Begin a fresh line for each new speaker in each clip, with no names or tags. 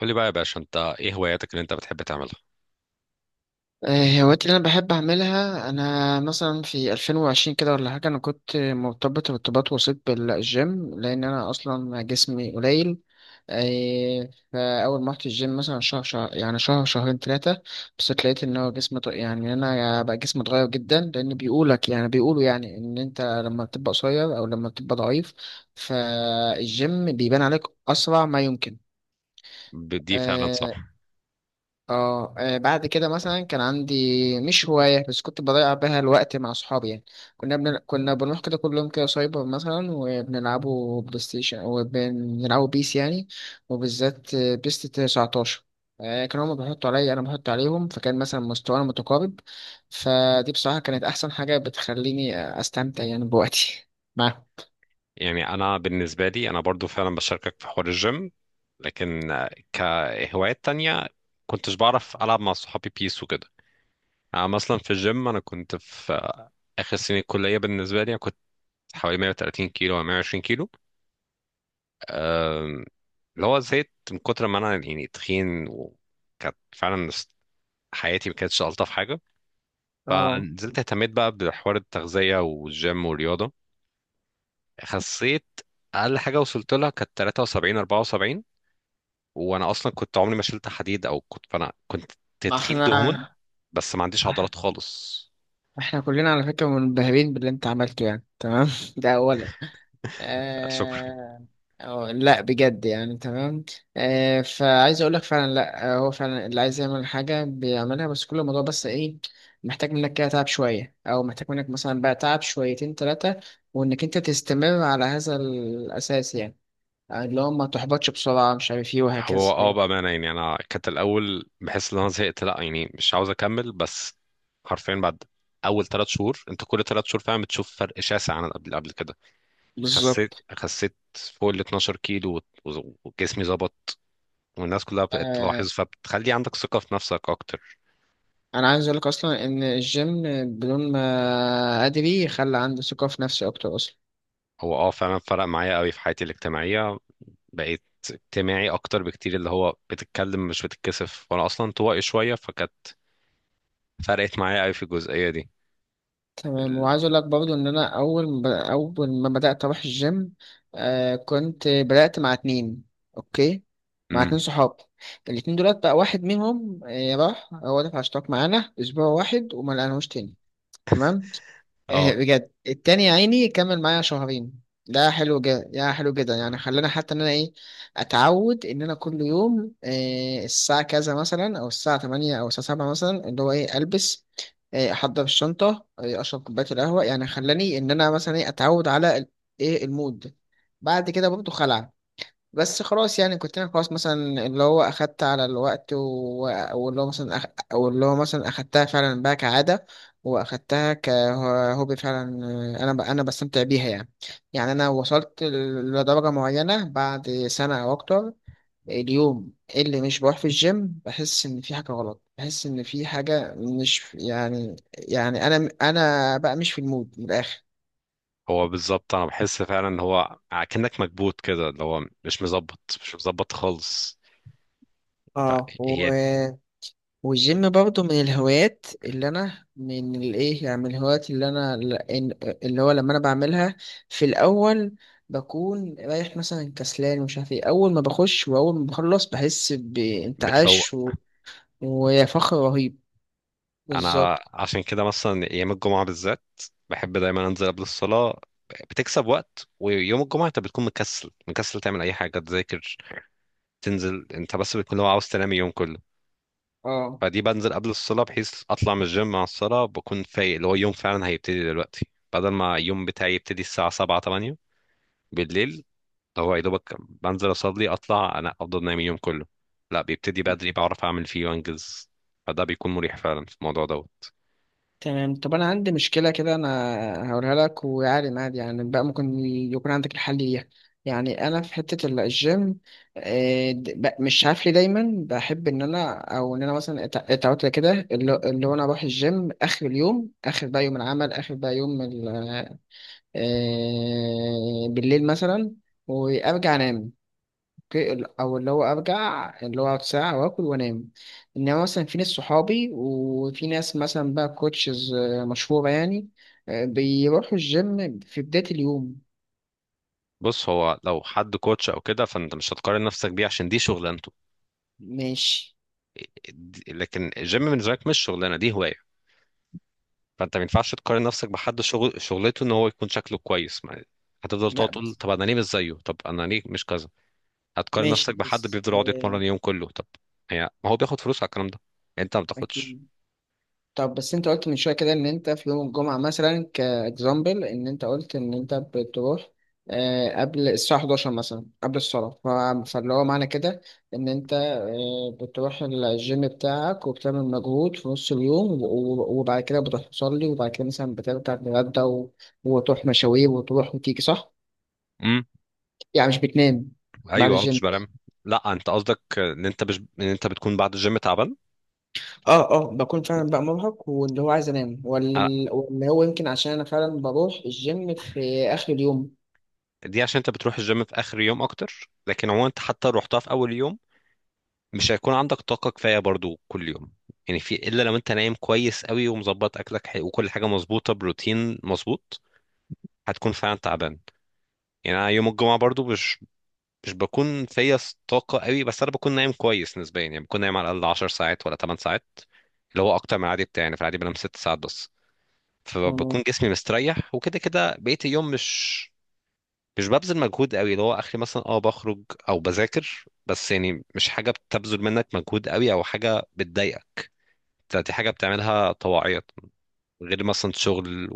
قول لي بقى يا باشا، انت ايه هواياتك اللي انت بتحب تعملها؟
الهوايات اللي انا بحب اعملها انا مثلا في 2020 كده ولا حاجه. انا كنت مرتبط ارتباط وسيط بالجيم لان انا اصلا جسمي قليل. فاول ما رحت الجيم مثلا شهر شهر يعني شهر شهرين ثلاثه. بس لقيت ان هو جسمي يعني انا بقى جسمي اتغير جدا، لان بيقولك يعني بيقولوا يعني ان انت لما بتبقى قصير او لما بتبقى ضعيف فالجيم بيبان عليك اسرع ما يمكن.
دي فعلا
آه،
صح.
بعد كده مثلا كان عندي مش هواية بس كنت بضيع بيها الوقت مع صحابي يعني. كنا بنروح كده كل يوم كده سايبر مثلا، وبنلعبوا بلاي ستيشن وبنلعبوا بيس يعني، وبالذات بيس 19. كانوا هما بيحطوا عليا أنا بحط عليهم، فكان مثلا مستوانا متقارب. فدي بصراحة كانت أحسن حاجة بتخليني أستمتع يعني بوقتي معاهم.
يعني انا بالنسبه لي انا برضو فعلا بشاركك في حوار الجيم، لكن كهوايات تانية كنتش بعرف العب مع صحابي بيس وكده. انا مثلا في الجيم انا كنت في اخر سنه الكليه، بالنسبه لي انا كنت حوالي 130 كيلو او 120 كيلو. آم، اللي هو زهقت من كتر ما انا يعني تخين، وكانت فعلا حياتي ما كانتش الطف حاجه.
اه.
فنزلت اهتميت بقى بحوار التغذيه والجيم والرياضه، خسيت. اقل حاجه وصلت لها كانت 73 74. وانا اصلا كنت عمري ما شلت حديد او كنت، فانا كنت
ما
تخين دهون
احنا
بس ما عنديش عضلات خالص.
احنا كلنا على فكرة منبهرين باللي انت عملته، يعني تمام ده أولا.
شكرا.
آه... أو لا، بجد يعني تمام. فعايز اقول لك فعلا. لا، هو فعلا اللي عايز يعمل حاجه بيعملها، بس كل الموضوع بس ايه، محتاج منك كده تعب شويه، او محتاج منك مثلا بقى تعب شويتين ثلاثه، وانك انت تستمر على هذا الاساس يعني. اللي هو ما تحبطش بسرعه، مش عارف ايه
هو
وهكذا
اه
يعني.
بامانه يعني انا كانت الاول بحس ان انا زهقت، لا يعني مش عاوز اكمل، بس حرفيا بعد اول ثلاث شهور انت كل ثلاث شهور فعلا بتشوف فرق شاسع عن قبل قبل كده. خسيت
بالظبط.
خسيت فوق ال 12 كيلو وجسمي ظبط، والناس كلها بقت
آه
تلاحظ فبتخلي عندك ثقه في نفسك اكتر.
انا عايز اقول لك اصلا ان الجيم، بدون ما ادري، خلى عندي ثقه في نفسي اكتر اصلا.
هو اه فعلا فرق معايا قوي في حياتي الاجتماعية، بقيت اجتماعي اكتر بكتير اللي هو بتتكلم مش بتتكسف، وانا اصلا طوائي شوية فكانت فرقت معايا قوي في الجزئية دي.
تمام.
ال-
وعايز اقول لك برضو ان انا اول ما بدات اروح الجيم كنت بدات مع اتنين. اوكي. مع
امم.
اتنين صحاب، الاتنين دولت بقى واحد منهم راح، هو دفع اشتراك معانا اسبوع واحد وما لقيناهوش تاني. تمام. إيه
اه
بجد، التاني يا عيني كمل معايا شهرين، ده حلو جدا يا حلو جدا. يعني خلاني حتى ان انا ايه، اتعود ان انا كل يوم إيه الساعة كذا مثلا، او الساعة 8 او الساعة 7 مثلا، اللي هو ايه البس، إيه احضر الشنطة، إيه اشرب كوباية القهوة. يعني خلاني ان انا مثلا ايه اتعود على ايه المود. بعد كده برضه خلع، بس خلاص. يعني كنت انا خلاص مثلا اللي هو اخدت على الوقت. واللي هو مثلا. او اللي هو مثلا اخدتها فعلا بقى كعادة، واخدتها كهوبي فعلا. انا بستمتع بيها يعني. يعني انا وصلت لدرجة معينة بعد سنة او اكتر. اليوم اللي مش بروح في الجيم بحس ان في حاجة غلط، بحس ان في حاجة مش يعني، يعني انا بقى مش في المود من الاخر.
هو بالظبط انا بحس فعلا ان هو كأنك مكبوت كده، اللي هو مش مظبط مش مظبط خالص.
اه و...
فهي
والجيم برضه من الهوايات اللي انا من الايه، يعني من الهوايات اللي انا اللي هو لما انا بعملها في الاول بكون رايح مثلا كسلان ومش عارف ايه، اول ما بخش واول ما بخلص بحس
بتفوق.
بانتعاش وفخر رهيب.
انا
بالظبط.
عشان كده مثلا ايام الجمعة بالذات بحب دايما انزل قبل الصلاة، بتكسب وقت. ويوم الجمعة انت بتكون مكسل مكسل تعمل اي حاجة تذاكر تنزل، انت بس بتكون لو عاوز تنام اليوم كله.
اه،
فدي بنزل قبل الصلاة بحيث اطلع من الجيم مع الصلاة بكون فايق، اللي هو اليوم فعلا هيبتدي دلوقتي، بدل ما اليوم بتاعي يبتدي الساعة 7 8 بالليل، هو يا دوبك بنزل اصلي اطلع انا افضل نايم اليوم كله. لا بيبتدي بدري، بعرف اعمل فيه وانجز. فده بيكون مريح فعلا في الموضوع دوت.
تمام. طب انا عندي مشكله كده، انا هقولها لك، ويعني عادي، يعني بقى ممكن يكون عندك الحل ليها. يعني انا في حته الجيم، مش عارف ليه دايما بحب ان انا، او ان انا مثلا اتعودت كده، اللي هو انا اروح الجيم اخر اليوم، اخر بقى يوم العمل، اخر بقى يوم بالليل مثلا، وارجع انام. اوكي. او اللي هو ارجع، اللي هو اقعد ساعه واكل وانام. انما مثلا في ناس صحابي وفي ناس مثلا بقى كوتشز مشهوره يعني، بيروحوا الجيم في بدايه اليوم.
بص، هو لو حد كوتش او كده فانت مش هتقارن نفسك بيه عشان دي شغلانته.
ماشي.
لكن الجيم بالنسبه لك مش شغلانه، دي هوايه. فانت ما ينفعش تقارن نفسك بحد شغل شغلته ان هو يكون شكله كويس هتفضل تقعد
لا
تقول
بس.
طب انا ليه مش زيه، طب انا ليه مش كذا. هتقارن
ماشي
نفسك بحد
بس
بيفضل يقعد يتمرن اليوم كله. طب هي ما هو بياخد فلوس على الكلام ده، انت ما بتاخدش.
اكيد. طب بس انت قلت من شويه كده ان انت في يوم الجمعه مثلا كاكزامبل، ان انت قلت ان انت بتروح قبل الساعه 11 مثلا، قبل الصلاه، فاللي هو معنى كده ان انت بتروح الجيم بتاعك وبتعمل مجهود في نص اليوم، وبعد كده بتروح تصلي، وبعد كده مثلا بترجع تتغدى، و- وتروح مشاوير وتروح وتيجي، صح؟
امم،
يعني مش بتنام بعد
ايوه مش
الجيم.
بلام. لا انت قصدك ان انت مش ان انت بتكون بعد الجيم تعبان.
اه، اه، بكون فعلا بقى مرهق، واللي هو عايز انام،
آه،
واللي هو يمكن عشان انا فعلا بروح الجيم في اخر اليوم.
دي عشان انت بتروح الجيم في اخر يوم اكتر، لكن عموما انت حتى لو رحتها في اول يوم مش هيكون عندك طاقه كفايه برضو كل يوم. يعني في الا لو انت نايم كويس قوي ومظبط اكلك وكل حاجه مظبوطه بروتين مظبوط، هتكون فعلا تعبان. يعني انا يوم الجمعه برضو مش بكون فيا طاقه قوي، بس انا بكون نايم كويس نسبيا يعني بكون نايم على الاقل 10 ساعات ولا 8 ساعات، اللي هو اكتر من العادي بتاعي. يعني في العادي بنام 6 ساعات بس. فبكون
تمام.
جسمي مستريح، وكده كده بقيه اليوم مش ببذل مجهود قوي، اللي هو اخري مثلا اه بخرج او بذاكر، بس يعني مش حاجه بتبذل منك مجهود قوي او حاجه بتضايقك، دي حاجه بتعملها طواعية. غير مثلا شغل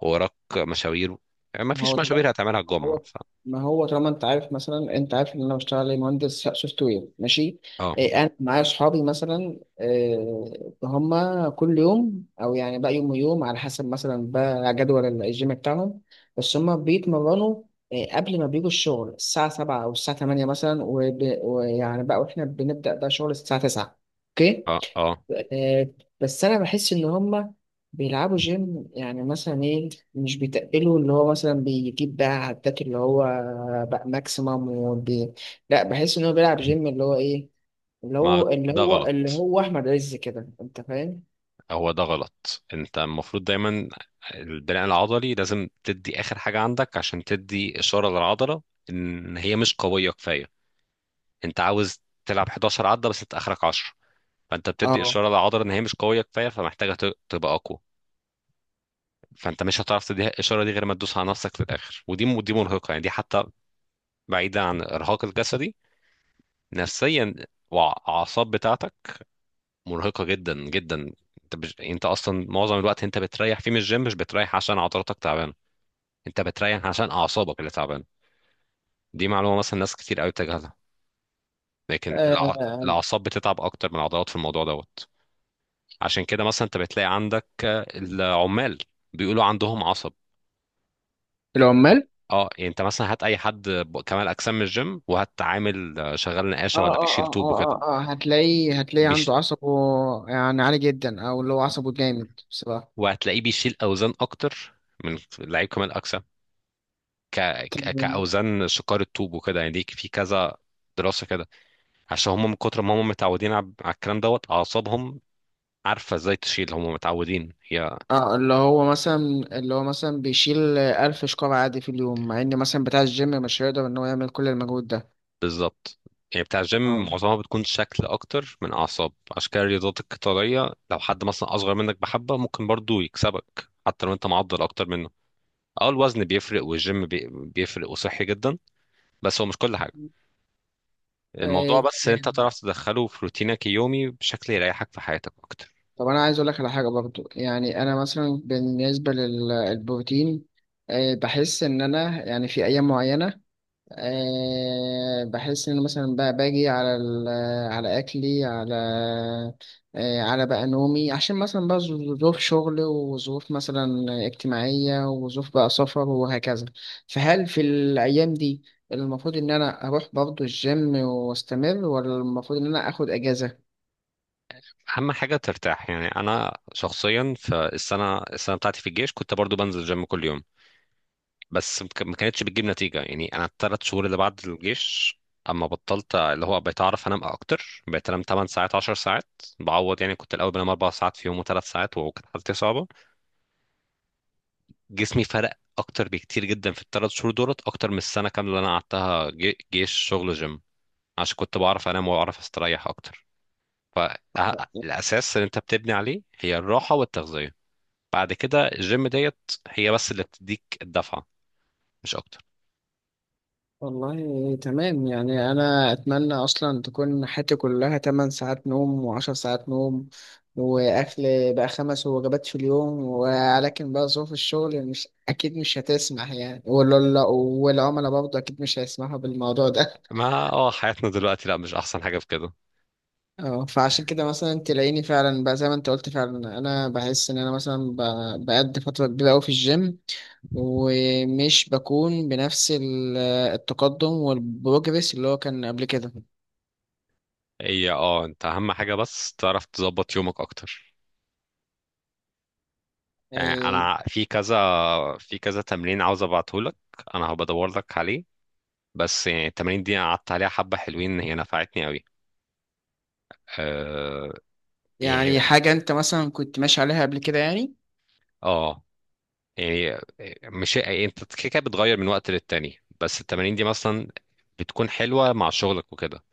وراك مشاوير، يعني ما
ما هو
فيش
طبعا.
مشاوير هتعملها الجمعه
هو
ف...
ما هو طالما انت عارف مثلا، انت عارف ان انا بشتغل ايه، مهندس سوفت وير. ماشي.
اه
إيه، انا معايا اصحابي مثلا إيه، هم كل يوم او يعني بقى يوم ويوم على حسب مثلا بقى جدول الجيم بتاعهم، بس هم بيتمرنوا إيه، قبل ما بيجوا الشغل الساعة 7 أو الساعة 8 مثلا، ويعني بقى، وإحنا بنبدأ بقى شغل الساعة 9. أوكي.
اه اه
آه، بس انا بحس ان هما بيلعبوا جيم يعني مثلا ايه، مش بيتقلوا، اللي هو مثلا بيجيب بقى عدات اللي هو بقى ماكسيمم لا، بحس ان هو بيلعب جيم اللي هو ايه، اللي
ما
هو اللي
ده
هو اللي
غلط،
هو احمد عز كده، انت فاهم.
هو ده غلط. انت المفروض دايما البناء العضلي لازم تدي اخر حاجة عندك عشان تدي اشارة للعضلة ان هي مش قوية كفاية. انت عاوز تلعب 11 عدة بس انت اخرك 10، فانت بتدي
اه،
اشارة للعضلة ان هي مش قوية كفاية فمحتاجة تبقى اقوى. فانت مش هتعرف تدي الاشارة دي غير ما تدوس على نفسك في الاخر. ودي مرهقة يعني، دي حتى بعيدة عن الارهاق الجسدي، نفسيا والاعصاب بتاعتك مرهقة جدا جدا. انت اصلا معظم الوقت انت بتريح فيه من الجيم مش بتريح عشان عضلاتك تعبانة، انت بتريح عشان اعصابك اللي تعبانة. دي معلومة مثلا ناس كتير قوي بتجهلها. لكن
اه.
الاعصاب بتتعب اكتر من العضلات في الموضوع دوت. عشان كده مثلا انت بتلاقي عندك العمال بيقولوا عندهم عصب. اه
العمال.
اه، يعني انت مثلا هات اي حد كمال اجسام من الجيم، وهات عامل شغال
اه،
نقاشة ولا بيشيل
اه، اه،
طوب وكده.
اه، اه، هتلاقيه
بيش...
عنده عصبه يعني عالي جدا، او اللي هو عصبه جامد.
وهتلاقيه بيشيل اوزان اكتر من لعيب كمال اجسام. ك...
بصراحة.
كأوزان شقار الطوب وكده يعني. دي في كذا دراسة كده عشان هم من كتر ما هم متعودين على الكلام دوت، أعصابهم عارفة ازاي تشيل، هم متعودين. هي
اه. اللي هو مثلا بيشيل ألف شكارة عادي في اليوم، مع إن مثلا بتاع الجيم مش هيقدر إن هو يعمل كل المجهود ده.
بالظبط. يعني بتاع الجيم
اه.
معظمها بتكون شكل أكتر من أعصاب. عشان كده الرياضات القتالية لو حد مثلا أصغر منك بحبة ممكن برضو يكسبك حتى لو أنت معضل أكتر منه. اه الوزن بيفرق، والجيم بيفرق وصحي جدا. بس هو مش كل حاجة. الموضوع بس إن أنت
تمام.
تعرف تدخله في روتينك اليومي بشكل يريحك في حياتك أكتر.
طب أنا عايز أقول لك على حاجة برضو، يعني أنا مثلا بالنسبة للبروتين بحس إن أنا يعني في أيام معينة بحس إن مثلا بقى باجي على أكلي، على بقى نومي، عشان مثلا بقى ظروف شغل وظروف مثلا اجتماعية، وظروف بقى سفر وهكذا. فهل في الأيام دي المفروض إن أنا أروح برضه الجيم وأستمر، ولا المفروض إن أنا أخد أجازة؟
اهم حاجه ترتاح. يعني انا شخصيا في السنه بتاعتي في الجيش كنت برضو بنزل جيم كل يوم، بس ما كانتش بتجيب نتيجه. يعني انا الثلاث شهور اللي بعد الجيش اما بطلت اللي هو بقيت اعرف انام اكتر، بقيت انام 8 ساعات 10 ساعات بعوض. يعني كنت الاول بنام 4 ساعات في يوم و3 ساعات وكانت حالتي صعبه. جسمي فرق اكتر بكتير جدا في الثلاث شهور دولت اكتر من السنه كامله اللي انا قعدتها جيش شغل جيم، عشان كنت بعرف انام واعرف استريح اكتر. فالاساس اللي انت بتبني عليه هي الراحه والتغذيه، بعد كده الجيم ديت هي بس اللي بتديك الدفعة، مش أكتر.
والله تمام. يعني أنا أتمنى أصلا تكون حياتي كلها 8 ساعات نوم و10 ساعات نوم، وأكل بقى 5 وجبات في اليوم، ولكن بقى ظروف الشغل مش أكيد مش هتسمح يعني، ولا والعملاء برضه أكيد مش هيسمحوا بالموضوع ده.
ما اه حياتنا دلوقتي لا مش أحسن حاجة في كده.
اه، فعشان كده مثلا تلاقيني فعلا بقى زي ما أنت قلت فعلا، أنا بحس إن أنا مثلا بقضي فترة كبيرة أوي في الجيم، ومش بكون بنفس التقدم والبروجرس اللي هو كان قبل كده.
هي اه أنت أهم حاجة بس تعرف تظبط يومك أكتر. يعني
آه،
أنا في كذا تمرين عاوز أبعتهولك، أنا هبدور لك عليه. بس يعني التمارين دي أنا قعدت عليها حبة حلوين هي نفعتني أوي. اه. يعني
يعني حاجة انت مثلا كنت ماشي عليها قبل كده يعني.
اه يعني، مش يعني أنت كده كده بتغير من وقت للتاني، بس التمارين دي مثلا بتكون حلوة مع شغلك وكده،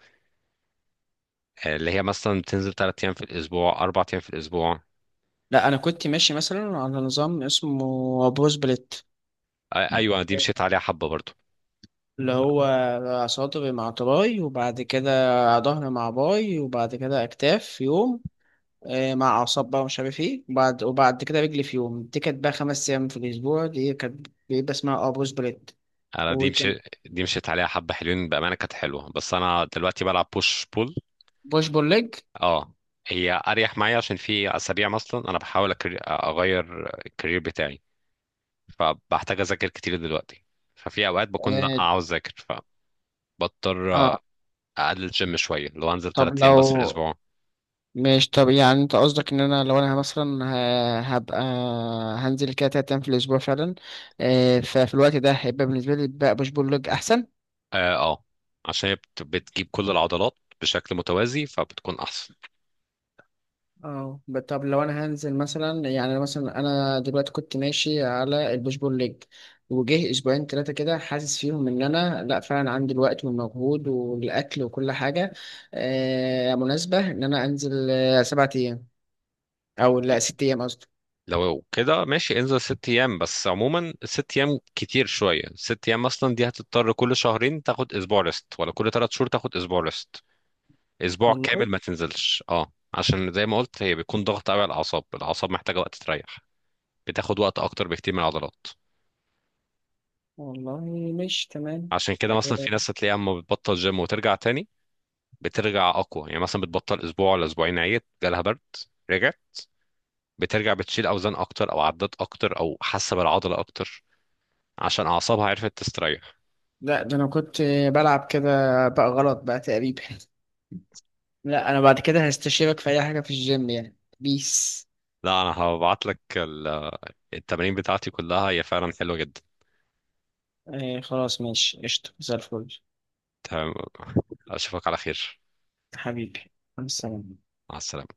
اللي هي مثلا بتنزل ثلاث ايام في الاسبوع اربع ايام في الاسبوع.
لا، انا كنت ماشي مثلا على نظام اسمه بروز بليت،
ايوه انا دي مشيت عليها حبه برضو.
اللي هو صدري مع تراي، وبعد كده ظهر مع باي، وبعد كده اكتاف في يوم مع اعصاب بقى مش عارف ايه، وبعد كده رجلي في يوم. دي كانت بقى 5 ايام في الاسبوع، دي كانت بيبقى اسمها بروز بليت.
انا
وكان
دي مشيت عليها حبه حلوين بامانه، كانت حلوه. بس انا دلوقتي بلعب بوش بول.
بوش بول ليج.
اه هي اريح معايا عشان في اسابيع مثلا انا بحاول اغير الكارير بتاعي، فبحتاج اذاكر كتير دلوقتي. ففي اوقات بكون لأ،
اه.
عاوز اذاكر، فبضطر
آه،
اقلل الجيم شويه لو انزل
طب
ثلاث ايام بس في
لو
الاسبوع.
ماشي. طب يعني انت قصدك ان انا لو انا مثلا هبقى هنزل كده 3 ايام في الاسبوع فعلا، ففي الوقت ده هيبقى بالنسبه لي بقى بوش بول ليج احسن.
اه اه، عشان هي بتجيب كل العضلات بشكل متوازي فبتكون احسن.
اه، طب لو انا هنزل مثلا، يعني مثلا انا دلوقتي كنت ماشي على البوش بول ليج، وجه اسبوعين ثلاثه كده حاسس فيهم ان انا لا، فعلا عندي الوقت والمجهود والاكل وكل حاجه مناسبه، ان انا انزل 7 ايام، او لا، 6 ايام قصدي.
لو كده ماشي انزل ست ايام. بس عموما ست ايام كتير شويه، ست ايام اصلا دي هتضطر كل شهرين تاخد اسبوع ريست ولا كل ثلاث شهور تاخد اسبوع ريست، اسبوع كامل
والله.
ما تنزلش. اه عشان زي ما قلت هي بيكون ضغط قوي على الاعصاب، الاعصاب محتاجه وقت تريح، بتاخد وقت اكتر بكتير من العضلات.
والله مش تمام.
عشان كده مثلا
آه،
في ناس هتلاقيها اما بتبطل جيم وترجع تاني بترجع اقوى. يعني مثلا بتبطل اسبوع ولا اسبوعين عيت جالها برد رجعت، بترجع بتشيل اوزان اكتر او عدات اكتر او حاسه بالعضله اكتر عشان اعصابها عرفت تستريح.
لا، ده انا كنت بلعب كده بقى غلط بقى تقريبا. لا، انا بعد كده هستشيرك في اي حاجة في الجيم يعني بيس.
لا انا هبعت لك التمارين بتاعتي كلها هي فعلا حلوة جدا.
خلاص ماشي، قشطة زي الفل.
تمام، اشوفك على خير.
حبيبي. مع السلامة.
مع السلامة.